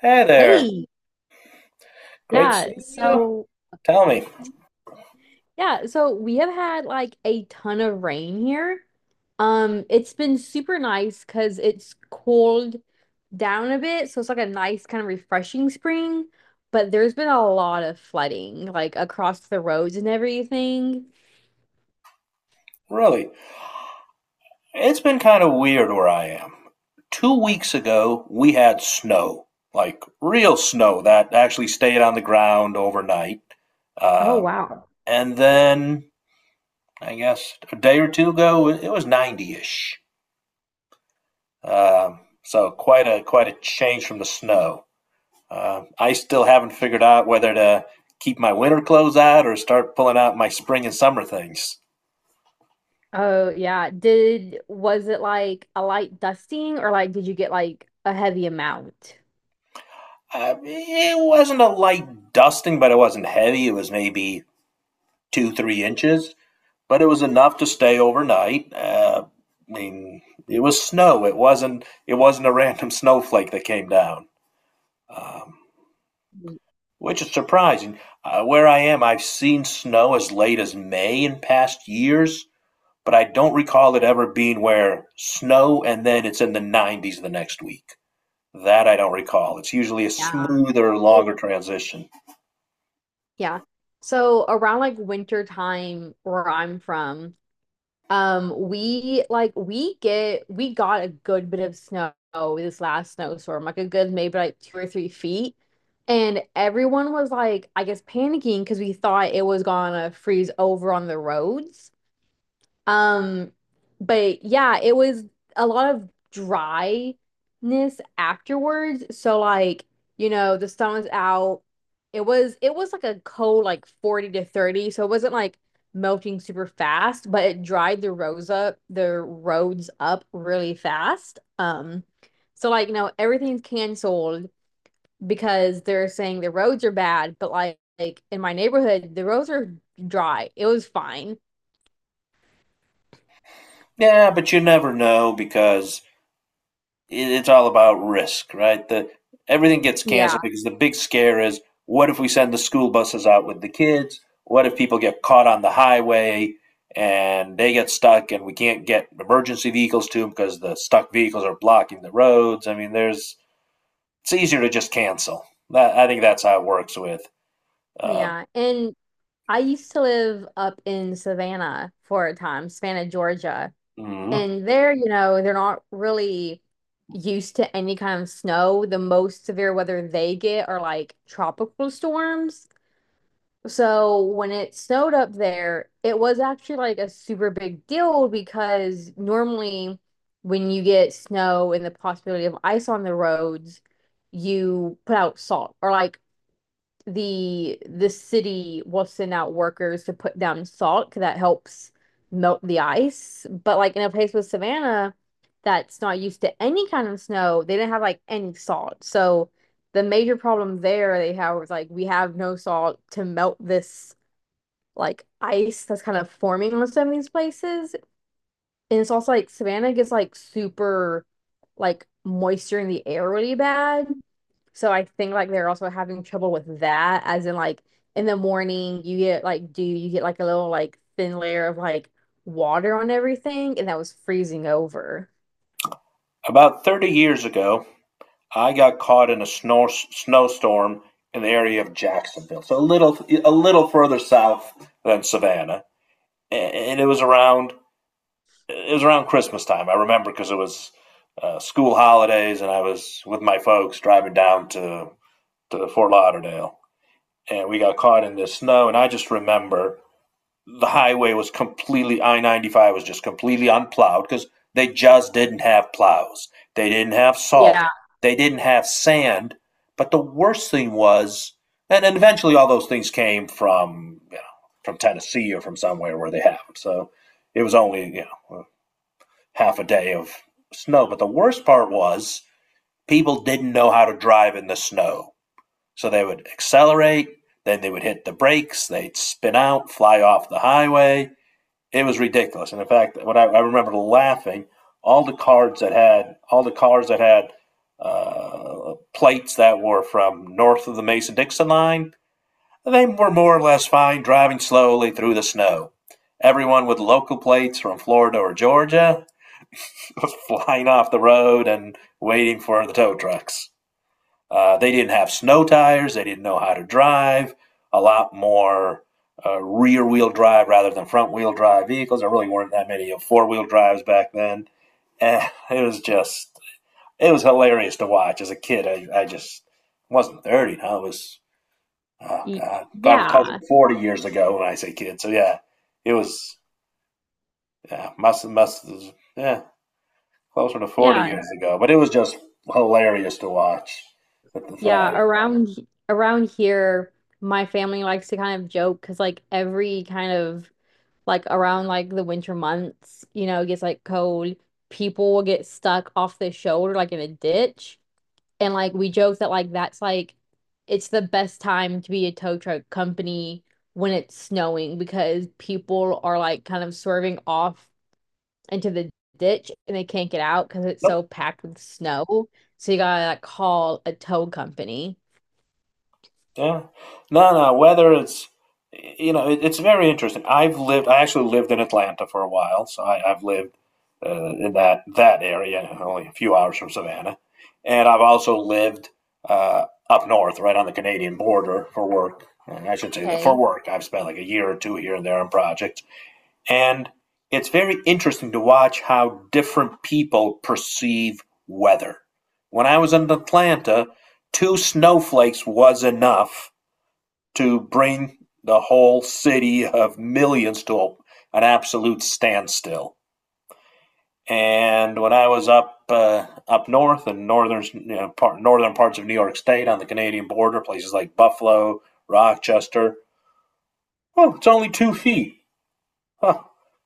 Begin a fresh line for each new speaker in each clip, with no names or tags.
Hey there.
Hey,
Great
yeah.
seeing you.
So,
Tell me,
yeah, so we have had like a ton of rain here. It's been super nice because it's cooled down a bit, so it's like a nice kind of refreshing spring, but there's been a lot of flooding like across the roads and everything.
really, it's been kind of weird where I am. 2 weeks ago, we had snow, like real snow that actually stayed on the ground overnight.
Oh,
Um,
wow.
and then, I guess, a day or two ago, it was 90-ish. So quite a change from the snow. I still haven't figured out whether to keep my winter clothes out or start pulling out my spring and summer things.
Oh, yeah. Did Was it like a light dusting or like did you get like a heavy amount?
I It wasn't a light dusting, but it wasn't heavy. It was maybe two, 3 inches, but it was enough to stay overnight. I mean, it was snow. It wasn't a random snowflake that came down, um, which is surprising. Where I am, I've seen snow as late as May in past years, but I don't recall it ever being where snow and then it's in the 90s the next week. That I don't recall. It's usually a
Yeah.
smoother,
It
longer transition.
Yeah. So around like winter time where I'm from, we like we get we got a good bit of snow this last snowstorm, like a good maybe like two or three feet. And everyone was like, I guess, panicking because we thought it was gonna freeze over on the roads. Um, but yeah, it was a lot of dryness afterwards. So like, you know, the sun was out. It was like a cold like 40 to 30, so it wasn't like melting super fast, but it dried the roads up really fast. So like, you know, everything's canceled because they're saying the roads are bad, but like in my neighborhood, the roads are dry. It was fine.
Yeah, but you never know because it's all about risk, right? The Everything gets canceled
Yeah,
because the big scare is, what if we send the school buses out with the kids? What if people get caught on the highway and they get stuck and we can't get emergency vehicles to them because the stuck vehicles are blocking the roads? There's it's easier to just cancel. I think that's how it works with. Um,
yeah. And I used to live up in Savannah for a time, Savannah, Georgia.
mhm.
And there, you know, they're not really used to any kind of snow. The most severe weather they get are like tropical storms. So when it snowed up there, it was actually like a super big deal because normally when you get snow and the possibility of ice on the roads, you put out salt or like the city will send out workers to put down salt because that helps melt the ice. But like in a place with Savannah that's not used to any kind of snow, they didn't have like any salt. So the major problem there they have was like we have no salt to melt this like ice that's kind of forming on some of these places. And it's also like Savannah gets like super like moisture in the air really bad. So I think like they're also having trouble with that, as in like in the morning you get like dew, you get like a little like thin layer of like water on everything, and that was freezing over.
About 30 years ago, I got caught in a snowstorm in the area of Jacksonville, so a little further south than Savannah, and it was around Christmas time. I remember because it was school holidays, and I was with my folks driving down to Fort Lauderdale, and we got caught in this snow. And I just remember the highway was completely, I 95 was just completely unplowed because they just didn't have plows. They didn't have salt.
Yeah.
They didn't have sand. But the worst thing was, and eventually all those things came from, you know, from Tennessee or from somewhere where they have them. So it was only, you know, half a day of snow. But the worst part was people didn't know how to drive in the snow. So they would accelerate, then they would hit the brakes, they'd spin out, fly off the highway. It was ridiculous. And in fact, I remember laughing, all the cars that had plates that were from north of the Mason Dixon line, they were more or less fine driving slowly through the snow. Everyone with local plates from Florida or Georgia was flying off the road and waiting for the tow trucks. They didn't have snow tires. They didn't know how to drive. A lot more rear wheel drive rather than front wheel drive vehicles. There really weren't that many four-wheel drives back then. And it was just, it was hilarious to watch as a kid. I just wasn't 30. No, it was, oh
Y-
God, probably close
Yeah,
to 40 years ago when I say kid. So yeah, it was, yeah, must, yeah, closer to 40
yeah,
years ago. But it was just hilarious to watch at the
yeah.
time.
Around around here, my family likes to kind of joke because like every kind of like around like the winter months, you know, it gets like cold. People will get stuck off the shoulder like in a ditch. And like we joke that like that's like it's the best time to be a tow truck company when it's snowing because people are like kind of swerving off into the ditch and they can't get out because it's
No.
so packed with snow. So you gotta like call a tow company.
Yeah. No, no, weather, it's, you know, it's very interesting. I actually lived in Atlanta for a while, so I've lived in that area, only a few hours from Savannah. And I've also lived up north, right on the Canadian border for work. And I should say that for
Okay.
work, I've spent like a year or two here and there on projects. And it's very interesting to watch how different people perceive weather. When I was in Atlanta, two snowflakes was enough to bring the whole city of millions to an absolute standstill. And when I was up north in northern, you know, northern parts of New York State on the Canadian border, places like Buffalo, Rochester, oh, it's only 2 feet. Huh.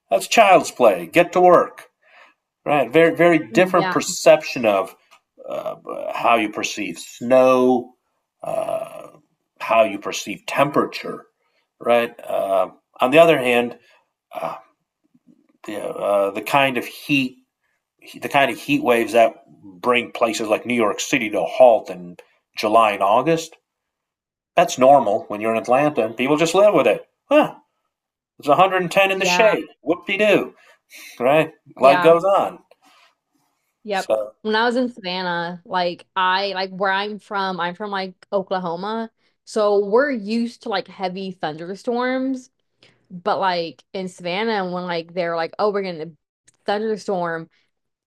That's child's play. Get to work. Right. Very, very different
Yeah,
perception of uh, how you perceive snow, uh, how you perceive temperature, right? On the other hand, uh, the kind of heat, the kind of heat waves that bring places like New York City to a halt in July and August, that's normal when you're in Atlanta and people just live with it. Huh, it's 110 in the
yeah,
shade. Whoop-de-doo, right? Life
yeah,
goes on.
yep.
So
When I was in Savannah, like I like where I'm from like Oklahoma. So we're used to like heavy thunderstorms. But like in Savannah, when like they're like, oh, we're gonna thunderstorm,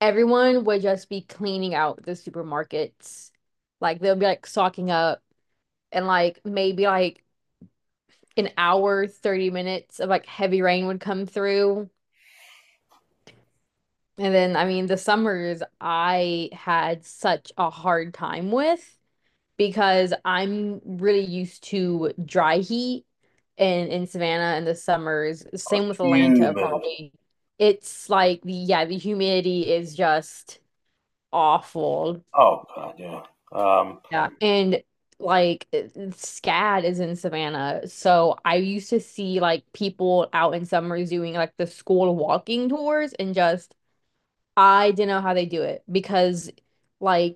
everyone would just be cleaning out the supermarkets. Like they'll be like stocking up and like maybe like an hour, 30 minutes of like heavy rain would come through. And then I mean the summers I had such a hard time with because I'm really used to dry heat in Savannah in the summers.
it's
Same with Atlanta,
humid.
probably. It's like the yeah, the humidity is just awful.
Oh god, yeah. Um,
Yeah. And like SCAD is in Savannah. So I used to see like people out in summers doing like the school walking tours and just I didn't know how they do it because like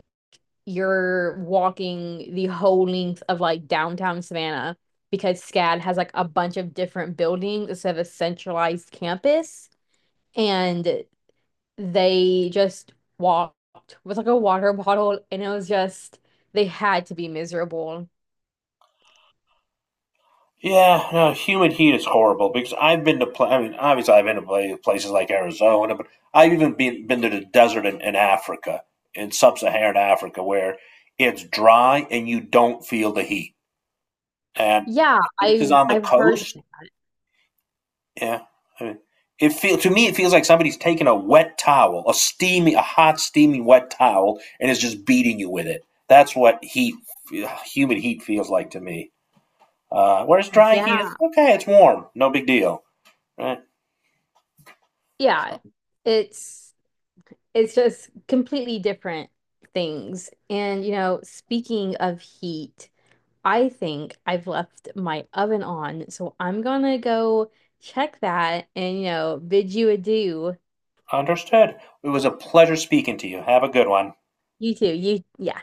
you're walking the whole length of like downtown Savannah because SCAD has like a bunch of different buildings instead of a centralized campus. And they just walked with like a water bottle, and it was just, they had to be miserable.
yeah, no, humid heat is horrible because I mean, obviously I've been to places like Arizona, but I've even been to the desert in Africa, in sub-Saharan Africa, where it's dry and you don't feel the heat. And
Yeah,
places on the
I've heard
coast, yeah, I mean, it feels like somebody's taking a wet towel, a hot, steamy wet towel, and is just beating you with it. That's what heat, humid heat feels like to me. Where's dry heat?
yeah.
It's okay, it's warm. No big deal. Right?
Yeah. It's it's just completely different things. And you know, speaking of heat, I think I've left my oven on, so I'm gonna go check that and, you know, bid you adieu.
Understood. It was a pleasure speaking to you. Have a good one.
You too. You, yeah.